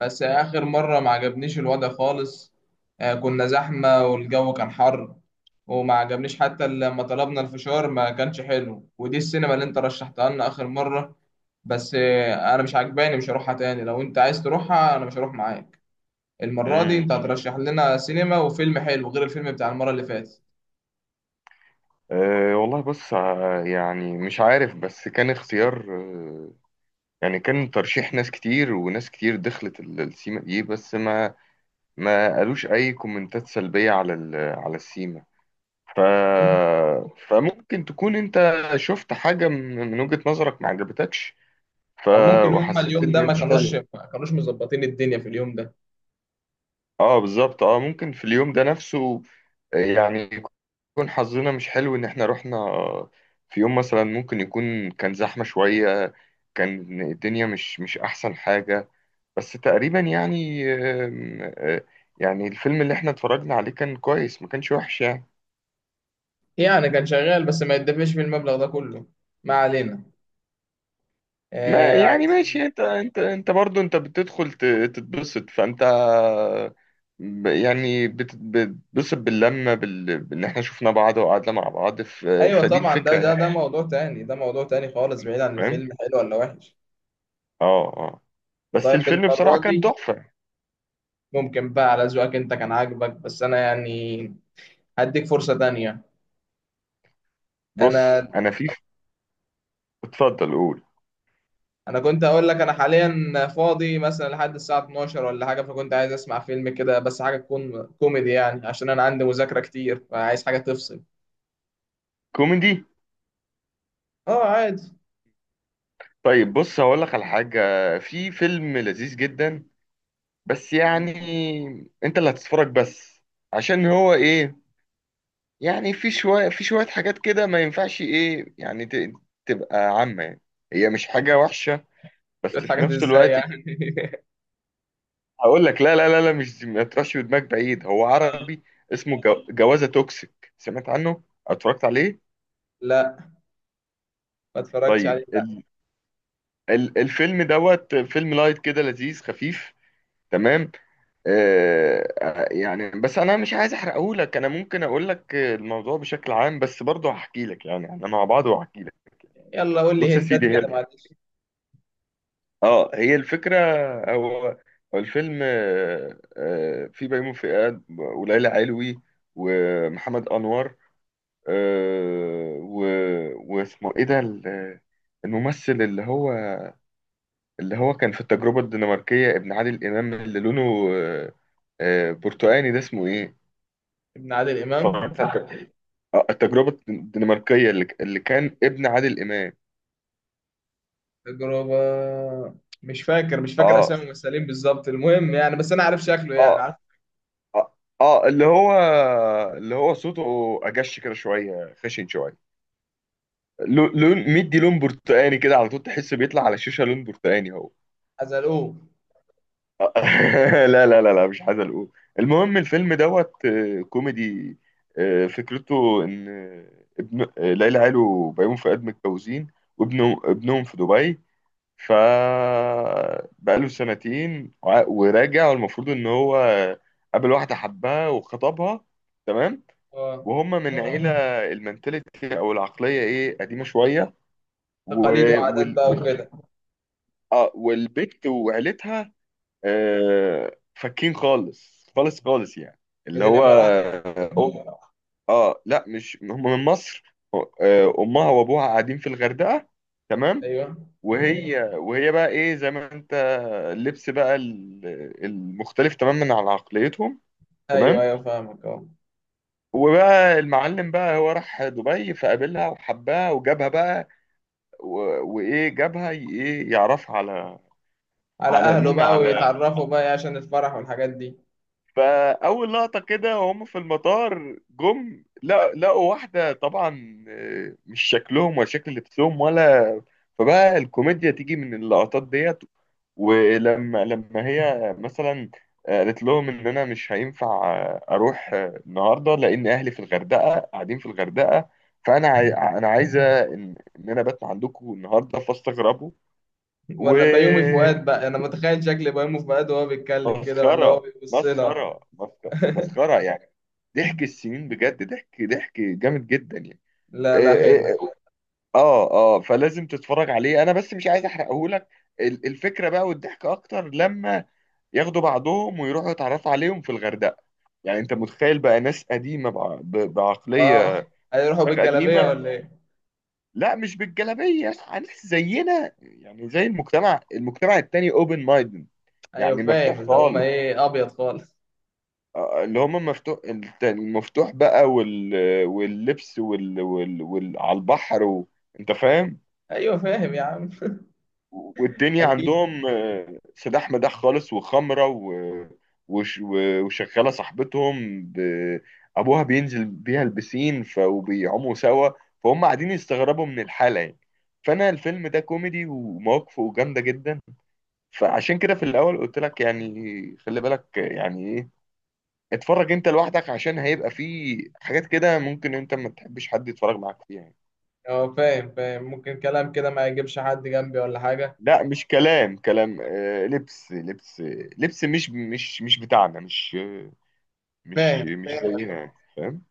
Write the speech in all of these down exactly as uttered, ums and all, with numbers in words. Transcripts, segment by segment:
بس آخر مرة ما عجبنيش الوضع خالص. آه، كنا زحمة والجو كان حر. وما عجبنيش حتى لما طلبنا الفشار، ما كانش حلو، ودي السينما اللي انت رشحتها لنا آخر مرة. بس آه، أنا مش عجباني، مش هروحها تاني. لو انت عايز تروحها أنا مش هروح معاك. المرة دي انت امم هترشح لنا سينما وفيلم حلو غير الفيلم بتاع المرة اللي فاتت. أه والله، بص. آه، يعني مش عارف، بس كان اختيار. آه، يعني كان ترشيح ناس كتير وناس كتير دخلت ال- السيما دي، بس ما ما قالوش اي كومنتات سلبية على ال- على السيما. ف فممكن تكون انت شفت حاجة من من وجهة نظرك ما عجبتكش. ف أو ممكن هما وحسيت اليوم ان ده ما انت، كانوش ما كانوش مظبطين الدنيا في اليوم ده. اه بالظبط، اه ممكن في اليوم ده نفسه. آه، يعني يكون حظنا مش حلو ان احنا رحنا. آه، في يوم مثلا ممكن يكون كان زحمة شوية، كان الدنيا مش مش احسن حاجة. بس تقريبا يعني آم، آه، يعني الفيلم اللي احنا اتفرجنا عليه كان كويس، ما كانش وحش يعني. يعني كان شغال بس ما يدفعش في المبلغ ده كله. ما علينا. ما آه، يعني ماشي، عايزين. انت انت انت برضه انت بتدخل ت- تتبسط. فانت ب- يعني بت- بتتبسط باللمة، بال... بان احنا شفنا بعض وقعدنا مع بعض. ف، ايوه فدي طبعا، ده الفكرة ده يعني، ده موضوع تاني، ده موضوع تاني خالص بعيد عن فاهم. الفيلم حلو ولا وحش. اه، اه، بس طيب، الفيلم بصراحة المرة كان دي تحفة. ممكن بقى على ذوقك انت كان عاجبك، بس انا يعني هديك فرصة تانية. بص، انا انا في، اتفضل قول. انا كنت اقول لك، انا حاليا فاضي مثلا لحد الساعة اتناشر ولا حاجة، فكنت عايز اسمع فيلم كده، بس حاجة تكون كوميدي، يعني عشان انا عندي مذاكرة كتير فعايز حاجة تفصل. كوميدي؟ اه، عادي. طيب بص، هقول لك على حاجة. في فيلم لذيذ جدا، بس يعني انت اللي هتتفرج بس، عشان هو ايه يعني، في شوية في شوية حاجات كده ما ينفعش ايه يعني ت- تبقى عامة يعني. هي مش حاجة وحشة، بس شوية في حاجات نفس ازاي الوقت يعني؟ هقول لك. لا، لا، لا، لا، مش ما تروحش بدماغك بعيد، هو عربي. اسمه جو- جوازة توكسيك، سمعت عنه؟ اتفرجت عليه؟ لا، ما اتفرجتش طيب. عليه. ال- الفيلم دوت، فيلم لايت كده، لذيذ خفيف، تمام. آه آه، يعني بس انا مش عايز احرقه لك، انا ممكن اقول لك الموضوع بشكل عام، بس برضه هحكي لك، يعني احنا مع بعض وهحكي لك. يلا قول لي بص يا هنتات سيدي، كده، هي، معلش. اه هي الفكره، هو هو الفيلم آه آه في بيومي فؤاد وليلى علوي ومحمد انور. آه و- واسمه ايه ده، ال- الممثل اللي هو، اللي هو كان في التجربة الدنماركية، ابن عادل إمام، اللي لونه آه، آه، برتقاني، ده اسمه إيه؟ ابن عادل امام. اتفرجت على الت- آه، التجربة الدنماركية اللي اللي كان ابن عادل إمام. تجربة، مش فاكر مش فاكر آه أسامي الممثلين بالظبط، المهم يعني، بس أنا عارف شكله، يعني آه عارف. آه آه اللي هو، اللي هو صوته أجش كده شوية، خشن شوية. لو- لون مدي، لون برتقاني كده على طول، تحس بيطلع على الشاشة لون برتقاني هو. حزلقوه. لا، لا، لا، لا، مش عايز اقول. المهم الفيلم دوت، آه، كوميدي. آه، فكرته ان آه، ابن آه، ليلى علو وبيومي فؤاد متجوزين، وابنه، ابنهم في دبي. ف بقاله سنتين وع- وراجع، والمفروض ان هو قابل واحده حبها وخطبها، تمام. اه، وهم من عيله، المنتاليتي او العقليه ايه، قديمه شويه، و، تقاليد وعادات وال... بقى وال... وكده. آه، والبت وعيلتها، آه، فكين خالص خالص خالص يعني، اللي من هو الإمارات يعني؟ اه. آه، لا، مش هم من مصر، آه، امها وابوها قاعدين في الغردقه، تمام. أيوه وهي وهي بقى ايه، زي ما انت، اللبس بقى ال- المختلف تماما عن عقليتهم، أيوه تمام. أيوه، فاهمك، أه. وبقى المعلم بقى هو راح دبي، فقابلها وحبها وجابها بقى، و- وايه جابها ي- ايه يعرفها على، على على أهله مين، بقى على، ويتعرفوا بقى إيه عشان الفرح والحاجات دي. فاول لقطه كده وهم في المطار جم، لا لقوا واحده طبعا آه، مش شكلهم ولا شكل لبسهم ولا، فبقى الكوميديا تيجي من اللقطات ديت، ولما لما هي مثلا آه، قالت لهم ان انا مش هينفع آه، اروح آه، النهارده، لان اهلي في الغردقه قاعدين في الغردقه، فانا عاي، انا عايزه ان ان انا بات عندكم النهارده، فاستغربوا. و، ولا بيومي فؤاد بقى، أنا متخيل شكل بيومي فؤاد وهو بيتكلم كده، ولا هو مسخرة، بيبص لها. مسخرة، مسخرة، مسخرة يعني. ضحك السنين بجد، ضحك، ضحك جامد جدا يعني. إيه- لا لا، حلو. إيه- اه، اه، آه، فلازم تتفرج عليه، انا بس مش عايز احرقه لك. الفكرة بقى والضحك اكتر لما ياخدوا بعضهم ويروحوا يتعرفوا عليهم في الغردقة. يعني انت متخيل بقى ناس قديمة بع- ب- أه، بعقلية، هيروحوا دماغ بالجلابية قديمة. ولا إيه؟ لا، مش بالجلابية، ناس زينا يعني، زي المجتمع، المجتمع التاني اوبن مايند، أيوه، يعني مفتوح فاهم اللي هم خالص. إيه، أبيض خالص. آه، اللي هم مفتوح الت- المفتوح بقى، وال... واللبس وال... وال... وال... على البحر و، انت فاهم. أيوه، فاهم يا عم. والدنيا أكيد. عندهم آه، سلاح مداح خالص، وخمرة و، وش... و- وشغالة صاحبتهم ب، أبوها بينزل بيها البسين، ف، وبيعوموا سوا، فهم قاعدين يستغربوا من الحالة يعني. فأنا الفيلم ده كوميدي ومواقفه جامدة جدا، فعشان كده في الأول قلت لك يعني خلي بالك، يعني إيه، اتفرج انت لوحدك، عشان هيبقى فيه حاجات كده ممكن انت ما تحبش حد يتفرج معاك فيها يعني. اه، فاهم فاهم، ممكن كلام كده ما يجيبش حد جنبي ولا حاجة. لا، مش كلام، كلام آه، لبس، لبس، لبس مش مش مش بتاعنا، مش مش فاهم، مش فهمتك. زينا يعني، فاهم؟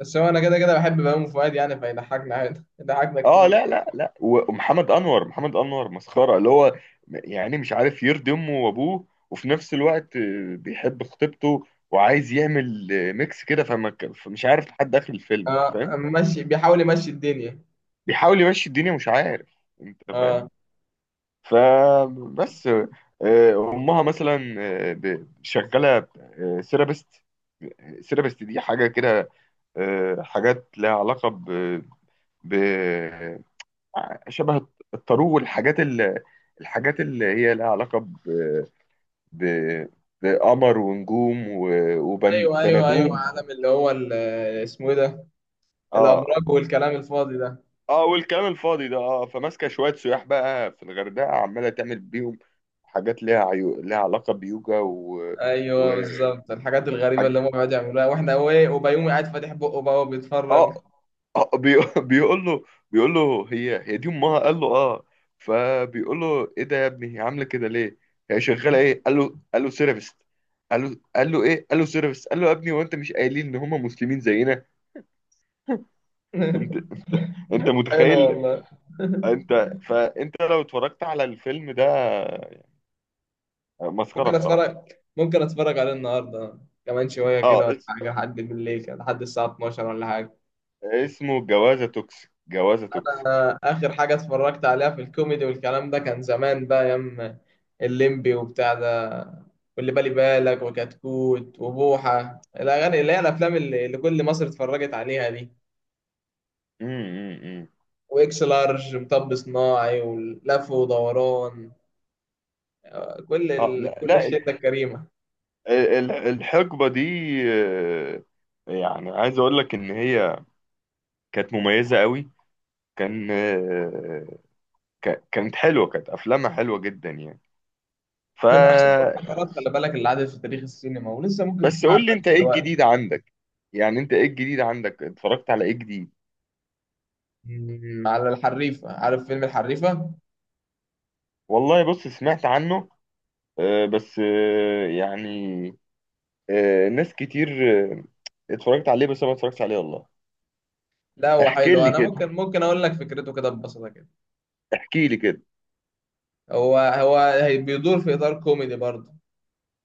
بس هو انا كده كده بحب بهاء فؤاد، يعني فيضحكنا عادي. ضحكنا اه، كتير. لا، لا، لا. ومحمد انور، محمد انور مسخره، اللي هو يعني مش عارف يرضي امه وابوه، وفي نفس الوقت آه، بيحب خطيبته وعايز يعمل آه، ميكس كده، فما- ك- فمش عارف لحد اخر الفيلم، انت اه فاهم. ماشي، بيحاول يمشي الدنيا. بيحاول يمشي الدنيا، مش عارف، انت فاهم. اه. فبس، آه، امها مثلا آه، ب- شغاله سيرابست، سيرابست دي حاجه كده، آه، حاجات لها علاقه ب، ب شبه الطارو، والحاجات ال- الحاجات اللي هي لها علاقه ب، ب- بقمر ونجوم، ايوه ايوه ايوه، وبنادوم. عالم اللي هو ال- اسمه ايه ده؟ اه، الابراج والكلام الفاضي ده. اه، والكلام الفاضي ده، اه، فماسكه شويه سياح بقى في الغردقه، عماله تعمل بيهم حاجات ليها عيو، ليها علاقه بيوجا و، و، ايوه بالظبط، الحاجات الغريبه اللي هم بيقعدوا يعملوها، واحنا هو ايه، وبيومي قاعد فاتح بقه بقى وبيتفرج. اه، اه، بي... بيقول له، بيقول له هي هي دي امها، قال له اه، فبيقول له ايه ده يا ابني، هي عامله كده ليه، هي شغاله ايه؟ قال له، قال له سيرفيست قال له، قال له ايه قال له سيرفيست. قال له يا ابني، وانت مش قايلين ان هم مسلمين زينا؟ انت، انت حلو متخيل والله. انت، فانت لو اتفرجت على الفيلم ده، مسخره ممكن بصراحه. اتفرج، ممكن اتفرج عليه النهارده كمان شويه اه، كده ولا اس... حاجه، لحد بالليل كده، لحد الساعه اتناشر ولا حاجه. اسمه جوازه توكسيك، جوازه توكسيك. انا اخر حاجه اتفرجت عليها في الكوميدي والكلام ده كان زمان، بقى ايام الليمبي وبتاع ده، واللي بالي بالك، وكتكوت، وبوحه الاغاني، اللي هي الافلام اللي اللي كل مصر اتفرجت عليها دي، امم امم واكس لارج، مطب صناعي، ولف ودوران. آه، كل اه، ال... لا، كل لا. الشده الكريمه. ال- الحقبة دي آه، يعني عايز اقول لك ان هي كانت مميزة قوي. كان آه، ك- كانت حلوة، كانت افلامها حلوة جدا يعني. ف من احسن الفترات خلي بالك اللي عدت في تاريخ السينما، ولسه ممكن بس تسمعها قول لي لحد انت ايه دلوقتي. الجديد عندك، يعني انت ايه الجديد عندك، اتفرجت على ايه جديد؟ مم، على الحريفة. عارف فيلم الحريفة؟ والله بص، سمعت عنه، آه، بس آه، يعني آه، ناس كتير آه، اتفرجت عليه، بس انا ما اتفرجتش عليه والله. لا هو احكي حلو. لي أنا ممكن كده، ممكن أقول لك فكرته كده ببساطة كده. احكي لي كده. هو هو هي- بيدور في إطار كوميدي برضه.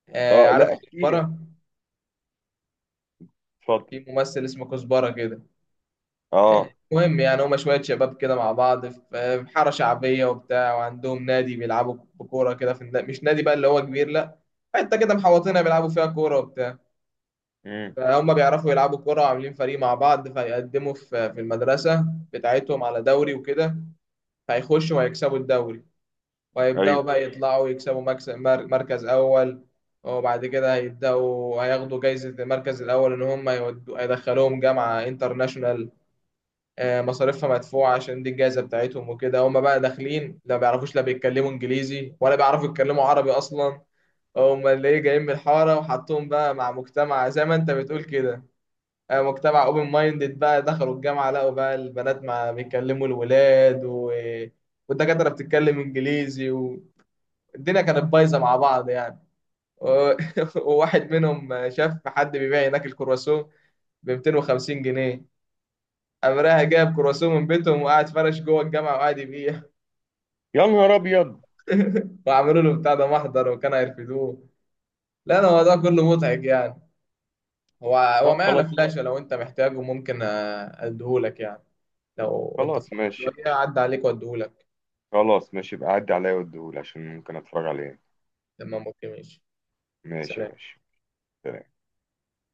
آه، اه، عارف لا، احكي لي، كزبرة؟ اتفضل. في ممثل اسمه كزبرة كده. آه، اه. المهم يعني هما شوية شباب كده مع بعض في في حارة شعبية وبتاع، وعندهم نادي بيلعبوا بكورة كده في النا... مش نادي بقى اللي هو كبير، لا، حتة كده محوطينها بيلعبوا فيها كورة وبتاع. امم فهم بيعرفوا يلعبوا كورة وعاملين فريق مع بعض، فيقدموا في في المدرسة بتاعتهم على دوري وكده. هيخشوا وهيكسبوا الدوري، وهيبدأوا ايوه. بقى يطلعوا يكسبوا مكسب مر- مركز أول. وبعد كده هيبدأوا هياخدوا جايزة المركز الأول، إن هم يودوا هيدخلوهم جامعة انترناشونال، آه، مصاريفها مدفوعة عشان دي الجائزة بتاعتهم. وكده هم بقى داخلين، لا بيعرفوش، لا بيتكلموا إنجليزي ولا بيعرفوا يتكلموا عربي أصلا، هم اللي إيه جايين من الحارة، وحطوهم بقى مع مجتمع زي ما أنت بتقول كده، آه، مجتمع اوبن مايندد بقى. دخلوا الجامعة لقوا بقى البنات مع بيتكلموا الولاد، و... والدكاترة بتتكلم إنجليزي، و... الدنيا كانت بايظه مع بعض يعني. و- وواحد منهم شاف حد بيبيع هناك الكرواسون ب مئتين وخمسين جنيه. قام رايح جايب كرواسون من بيتهم وقاعد فرش جوه الجامعه وقاعد يبيع. يا نهار ابيض. وعملوا له بتاع ده محضر وكان هيرفدوه. لا، انا الموضوع كله مضحك يعني. هو هو طب معايا على خلاص. فلاشه، لو انت محتاجه ممكن آه، اديهولك يعني. لو انت فاضي خلاص ماشي. شويه عدى عليك واديهولك. خلاص ماشي، يبقى عدي عليا واديهولي عشان ممكن اتفرج عليه. لما ممكن ماشي. ماشي، سلام. ماشي.